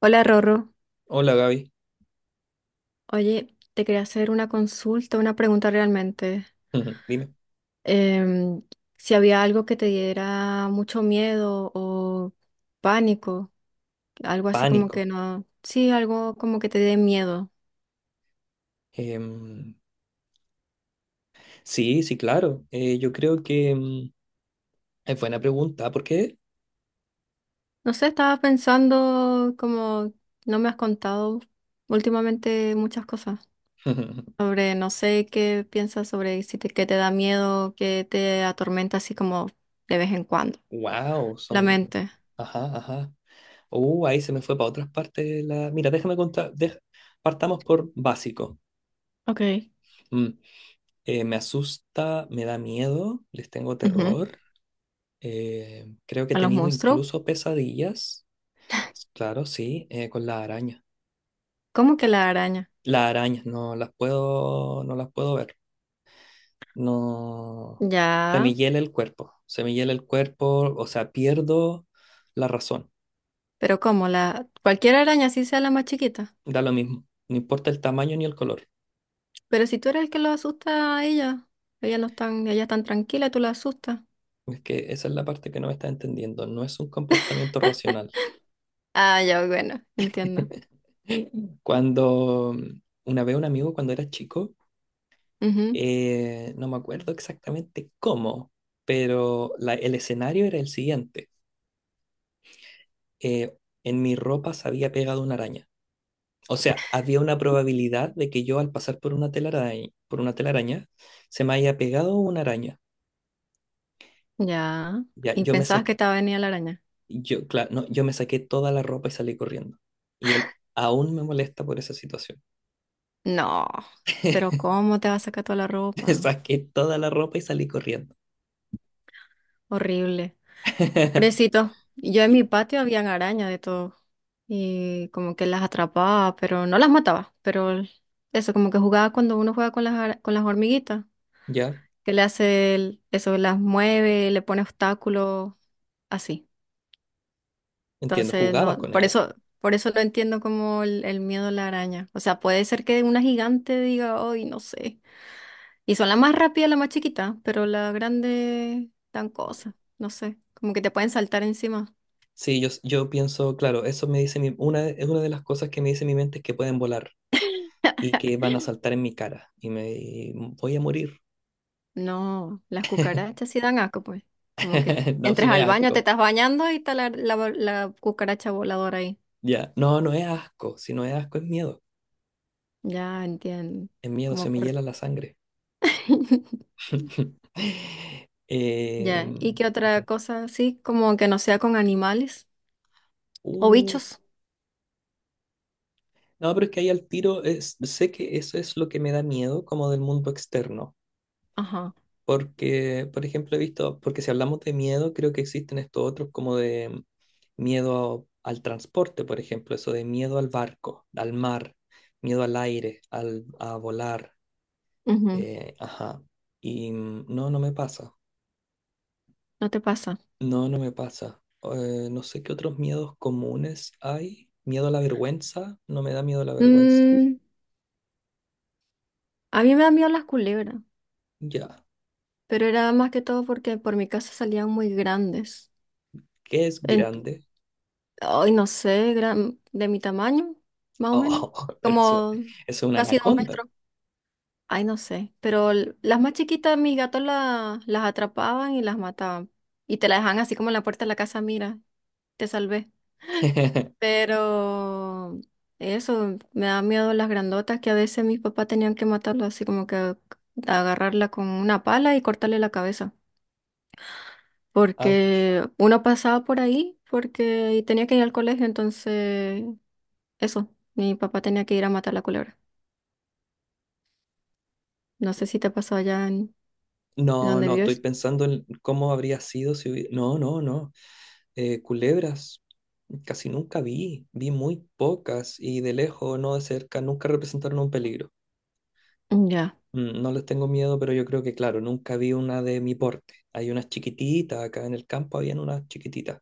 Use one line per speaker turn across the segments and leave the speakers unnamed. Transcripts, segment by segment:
Hola Rorro,
Hola Gaby,
oye, te quería hacer una consulta, una pregunta realmente.
dime,
Em, si había algo que te diera mucho miedo o pánico, algo así como que
pánico.
no, sí, algo como que te dé miedo.
Em, sí, sí, claro. Yo creo que es buena pregunta. ¿Por qué?
No sé, estaba pensando como no me has contado últimamente muchas cosas sobre, no sé qué piensas sobre si te, qué te da miedo, qué te atormenta así como de vez en cuando,
Wow,
la
son.
mente.
Ajá, ajá. Ahí se me fue para otras partes. Mira, déjame contar. Partamos por básico.
Ok.
Mm, me asusta, me da miedo, les tengo
Ujú.
terror. Eh, creo que he
A los
tenido
monstruos.
incluso pesadillas. Claro, sí, con las arañas.
¿Cómo que la araña?
Las arañas no las puedo ver. No, se
Ya,
me hiela el cuerpo, se me hiela el cuerpo, o sea, pierdo la razón,
pero ¿cómo? La, cualquier araña, así sea la más chiquita.
da lo mismo, no importa el tamaño ni el color.
Pero si tú eres el que lo asusta a ella, ella no están, ella tan tranquila, tú la asustas.
Es que esa es la parte que no me está entendiendo, no es un comportamiento racional.
Ah, ya, bueno, entiendo.
Cuando una vez un amigo, cuando era chico,
Ujú.
no me acuerdo exactamente cómo, pero el escenario era el siguiente. Eh, en mi ropa se había pegado una araña. O sea, había una probabilidad de que yo al pasar por una telaraña, se me haya pegado una araña.
Ya.
Ya,
¿Y pensabas que te va a venir la araña?
yo, claro, no, yo me saqué toda la ropa y salí corriendo. Y él aún me molesta por esa situación.
No, pero ¿cómo te va a sacar toda la
Me
ropa?
saqué toda la ropa y salí corriendo.
Horrible. Pobrecito, yo en mi
Y-
patio habían arañas de todo. Y como que las atrapaba, pero no las mataba, pero eso, como que jugaba cuando uno juega con las, con las hormiguitas,
Ya,
que le hace eso, las mueve, le pone obstáculos, así.
entiendo,
Entonces, no,
jugaba con
por
ella.
eso, por eso no entiendo como el miedo a la araña. O sea, puede ser que una gigante diga, hoy no sé. Y son las más rápidas las más chiquitas, pero la grande, dan cosas, no sé, como que te pueden saltar encima.
Sí, yo pienso, claro, eso me dice es una de las cosas que me dice mi mente es que pueden volar y que van a saltar en mi cara y me voy a morir.
No, las cucarachas sí dan asco, pues. Como que
No, si
entres
no es
al baño, te
asco.
estás bañando y está la cucaracha voladora ahí.
Ya, no, no es asco, si no es asco
Ya entiendo.
es miedo, se
Como
me
por.
hiela la sangre.
Ya. ¿Y
Em,
qué otra cosa? Sí, como que no sea con animales o
uh,
bichos.
no, pero es que ahí al tiro, sé que eso es lo que me da miedo como del mundo externo,
Ajá.
porque, por ejemplo, he visto, porque si hablamos de miedo, creo que existen estos otros como de miedo al transporte, por ejemplo, eso de miedo al barco, al mar, miedo al aire, a volar,
Ujú.
ajá, y no, no me pasa.
No te pasa.
No, no me pasa. No sé qué otros miedos comunes hay. Miedo a la vergüenza. No me da miedo la vergüenza.
Mm, a mí me dan miedo las culebras,
Ya.
pero era más que todo porque por mi casa salían muy grandes.
¿Qué es
En-
grande?
Ay, no sé, de mi tamaño, más o menos.
Oh, pero eso
Como
es una
casi dos
anaconda.
metros. Ay, no sé, pero las más chiquitas mis gatos las atrapaban y las mataban. Y te la dejaban así como en la puerta de la casa, mira, te salvé. Pero eso, me da miedo las grandotas que a veces mis papás tenían que matarlas así como que agarrarla con una pala y cortarle la cabeza.
Ouch.
Porque uno pasaba por ahí porque y tenía que ir al colegio, entonces eso, mi papá tenía que ir a matar la culebra. No sé si te pasó allá en
No,
donde
no, estoy
vives.
pensando en cómo habría sido si hubiera... No, no, no. Culebras casi nunca vi. Vi muy pocas y de lejos, no de cerca, nunca representaron un peligro.
Ya.
Mm, no les tengo miedo, pero yo creo que, claro, nunca vi una de mi porte. Hay unas chiquititas, acá en el campo habían unas chiquititas.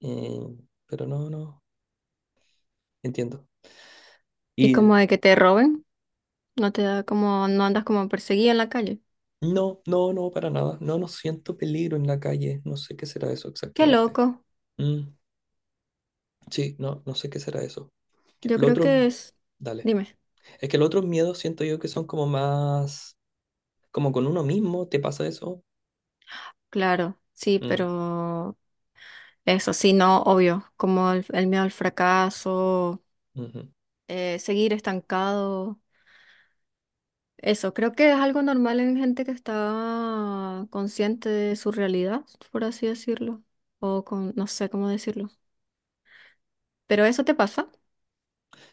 Eh, pero no, no, entiendo.
¿Y
Y
como de que te roben? No te da como, no andas como perseguida en la calle.
no, no, no, para nada. No, no siento peligro en la calle. No sé qué será eso
Qué
exactamente.
loco.
Mm, sí, no, no sé qué será eso.
Yo
Lo
creo que
otro,
es.
dale.
Dime.
Es que los otros miedos siento yo que son como más, como con uno mismo, ¿te pasa eso?
Claro, sí,
Mm,
pero eso sí, no, obvio. Como el miedo al fracaso,
ujú.
seguir estancado. Eso, creo que es algo normal en gente que está consciente de su realidad, por así decirlo. O con, no sé cómo decirlo. Pero eso te pasa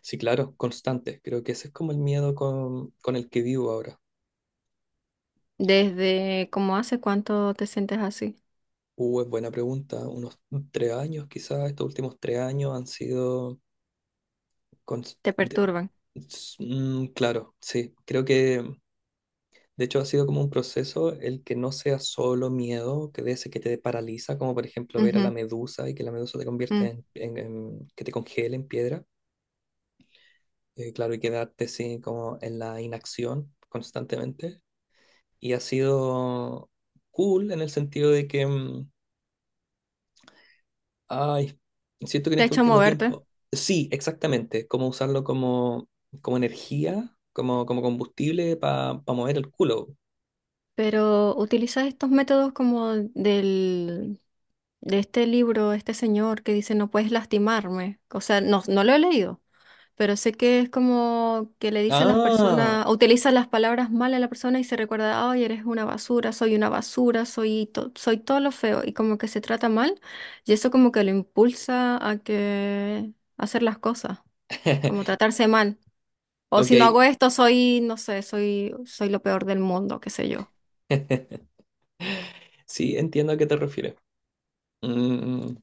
Sí, claro, constante. Creo que ese es como el miedo con el que vivo ahora.
desde como hace cuánto te sientes así.
Es buena pregunta. Unos 3 años, quizás estos últimos 3 años han sido... cons-
Te
de-
perturban.
claro, sí. Creo que de hecho ha sido como un proceso el que no sea solo miedo, que de ese que te paraliza, como por ejemplo ver a la
Ujú.
medusa y que la medusa te convierta
Mm.
que te congele en piedra. Claro, y quedarte así como en la inacción constantemente. Y ha sido cool en el sentido de que... Ay, siento que en
Te ha
este
hecho
último
moverte.
tiempo, sí, exactamente, como energía, como combustible para mover el culo.
Pero utiliza estos métodos como del, de este libro, este señor que dice no puedes lastimarme. O sea, no, no lo he leído, pero sé que es como que le dice a las
Ah,
personas, utiliza las palabras mal a la persona y se recuerda, ay, eres una basura, soy una basura, soy todo lo feo y como que se trata mal y eso como que lo impulsa a que a hacer las cosas, como tratarse mal. O
ok,
si no hago esto, soy, no sé, soy lo peor del mundo, qué sé yo.
sí, entiendo a qué te refieres. Mm,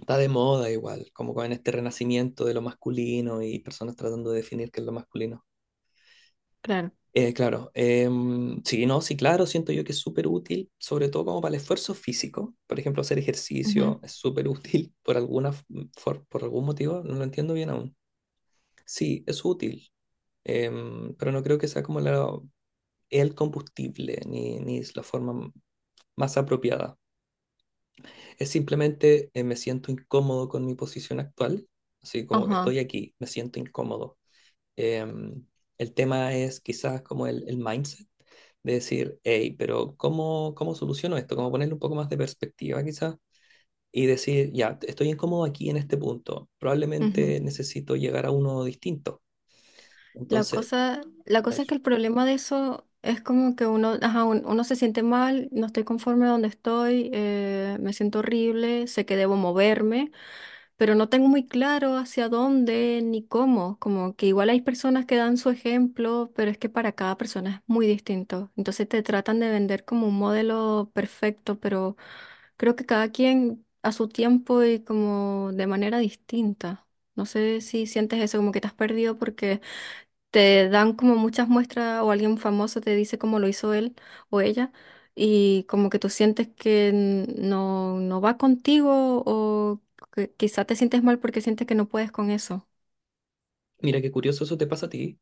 está de moda igual, como con este renacimiento de lo masculino y personas tratando de definir qué es lo masculino.
Claro.
Claro, sí, no, sí, claro, siento yo que es súper útil, sobre todo como para el esfuerzo físico. Por ejemplo, hacer ejercicio es súper útil por alguna, f- mm, for- por algún motivo, no lo entiendo bien aún. Sí, es útil, pero no creo que sea el combustible ni es la forma más apropiada. Es simplemente me siento incómodo con mi posición actual, así como
Ajá.
estoy aquí, me siento incómodo. Em, el tema es quizás como el mindset de decir, hey, pero ¿cómo, cómo soluciono esto? Como ponerle un poco más de perspectiva quizás y decir, ya, estoy incómodo aquí en este punto,
Ujú.
probablemente necesito llegar a uno distinto.
La
Entonces,
cosa, la cosa es
eso.
que el problema de eso es como que uno, ajá, uno se siente mal, no estoy conforme donde estoy, me siento horrible, sé que debo moverme. Pero no tengo muy claro hacia dónde ni cómo. Como que igual hay personas que dan su ejemplo, pero es que para cada persona es muy distinto. Entonces te tratan de vender como un modelo perfecto, pero creo que cada quien a su tiempo y como de manera distinta. No sé si sientes eso, como que te has perdido porque te dan como muchas muestras o alguien famoso te dice cómo lo hizo él o ella y como que tú sientes que no va contigo o que quizá te sientes mal porque sientes que no puedes con eso.
Mira qué curioso eso te pasa a ti,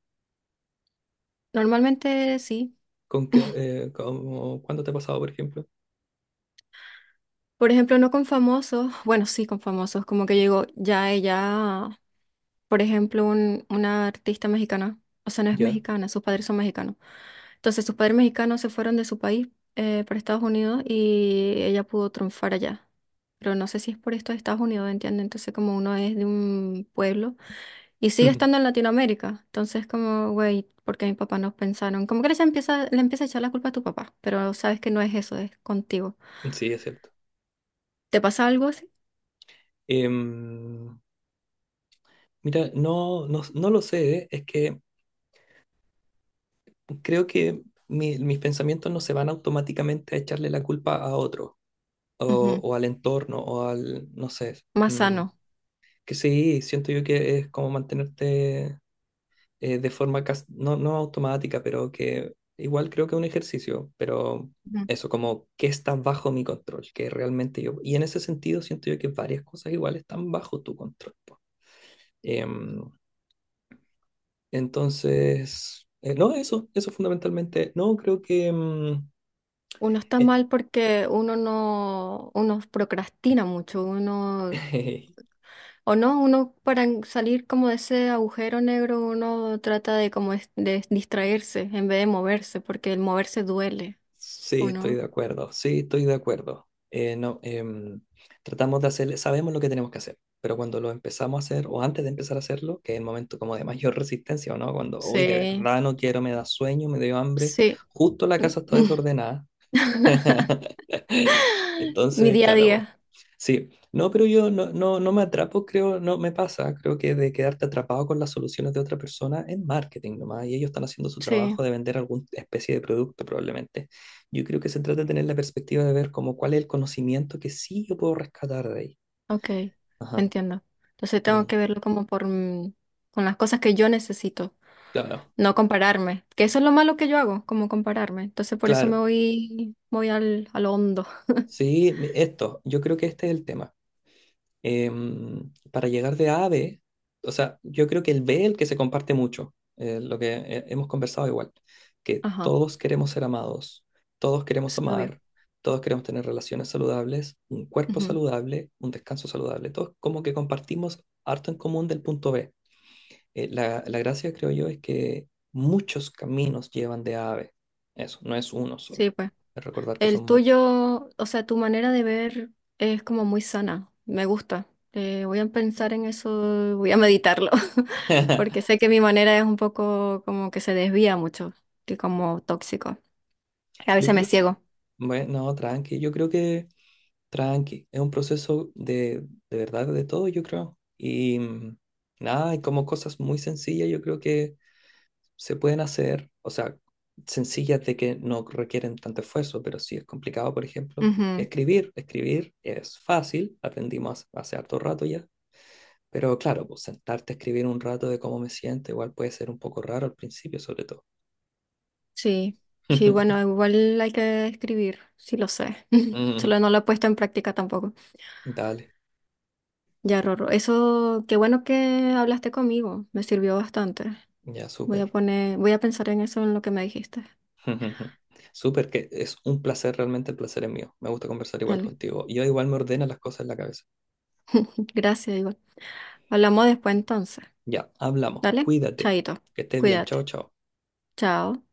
Normalmente sí.
con que, ¿cuándo te ha pasado, por ejemplo?
Por ejemplo, no con famosos, bueno, sí con famosos, como que yo digo, ya ella por ejemplo, una artista mexicana, o sea, no es
Ya.
mexicana, sus padres son mexicanos. Entonces, sus padres mexicanos se fueron de su país para Estados Unidos y ella pudo triunfar allá. Pero no sé si es por esto de Estados Unidos, ¿entiendes? Entonces, como uno es de un pueblo y sigue estando en Latinoamérica, entonces, como, güey, ¿porque mis papás no pensaron? Como que le empieza a echar la culpa a tu papá, pero sabes que no es eso, es contigo.
Sí, es cierto.
¿Te pasa algo así?
Em, mira, no, no, no lo sé, es que creo que mis pensamientos no se van automáticamente a echarle la culpa a otro o,
Ujú.
o al entorno o al, no sé,
Más
mm,
sano.
que sí, siento yo que es como mantenerte no, no automática, pero que igual creo que es un ejercicio, pero eso, como que está bajo mi control, que realmente yo, y en ese sentido siento yo que varias cosas igual están bajo tu control. Po. Em, entonces, no, eso fundamentalmente, no, creo que...
Uno está
eh,
mal porque uno no, uno procrastina mucho, uno, o no, uno para salir como de ese agujero negro, uno trata de como de distraerse en vez de moverse, porque el moverse duele,
Sí,
¿o
estoy
no?
de acuerdo, sí, estoy de acuerdo. No, tratamos de hacer, sabemos lo que tenemos que hacer, pero cuando lo empezamos a hacer, o antes de empezar a hacerlo, que es el momento como de mayor resistencia, ¿o no? Cuando hoy de
Sí,
verdad no quiero, me da sueño, me dio hambre,
sí.
justo la casa está desordenada.
Mi
Entonces,
día a
claro, po.
día,
Sí, no, pero yo no, no, no me atrapo, creo, no me pasa, creo que de quedarte atrapado con las soluciones de otra persona es marketing nomás, y ellos están haciendo su
sí,
trabajo de vender alguna especie de producto probablemente. Yo creo que se trata de tener la perspectiva de ver como cuál es el conocimiento que sí yo puedo rescatar de ahí.
ok,
Ajá.
entiendo. Entonces
Mm,
tengo que verlo como por, con las cosas que yo necesito.
claro,
No compararme, que eso es lo malo que yo hago, como compararme. Entonces por eso me
claro.
voy, voy al hondo.
Sí, esto, yo creo que este es el tema. Para llegar de A a B, o sea, yo creo que el B es el que se comparte mucho, lo que hemos conversado igual, que
Ajá,
todos queremos ser amados, todos queremos
sí, obvio.
amar, todos queremos tener relaciones saludables, un cuerpo
Ujú.
saludable, un descanso saludable, todos como que compartimos harto en común del punto B. La gracia, creo yo, es que muchos caminos llevan de A a B. Eso, no es uno solo.
Sí, pues.
Recordar que son
El
muchos.
tuyo, o sea, tu manera de ver es como muy sana, me gusta. Voy a pensar en eso, voy a meditarlo, porque sé que mi manera es un poco como que se desvía mucho, y como tóxico. A
Yo
veces me
creo que,
ciego.
bueno, tranqui, yo creo que... Tranqui, es un proceso de verdad de todo, yo creo. Y nada, hay como cosas muy sencillas, yo creo que se pueden hacer, o sea, sencillas de que no requieren tanto esfuerzo, pero sí es complicado, por ejemplo,
Ujú.
escribir. Escribir es fácil, aprendimos hace harto rato ya, pero claro, pues sentarte a escribir un rato de cómo me siento, igual puede ser un poco raro al principio, sobre todo.
Sí, sí, bueno, igual hay que escribir, sí lo sé.
Mm,
Solo no lo he puesto en práctica tampoco.
dale,
Ya, Rorro, eso, qué bueno que hablaste conmigo, me sirvió bastante.
ya
Voy a
súper.
poner, voy a pensar en eso, en lo que me dijiste.
Ujú. Súper, que es un placer, realmente el placer es mío. Me gusta conversar igual
Dale.
contigo. Yo igual me ordena las cosas en la cabeza.
Gracias, Iván. Hablamos después entonces.
Ya, hablamos.
Dale,
Cuídate.
chaito,
Que estés bien. Chao,
cuídate.
chao.
Chao.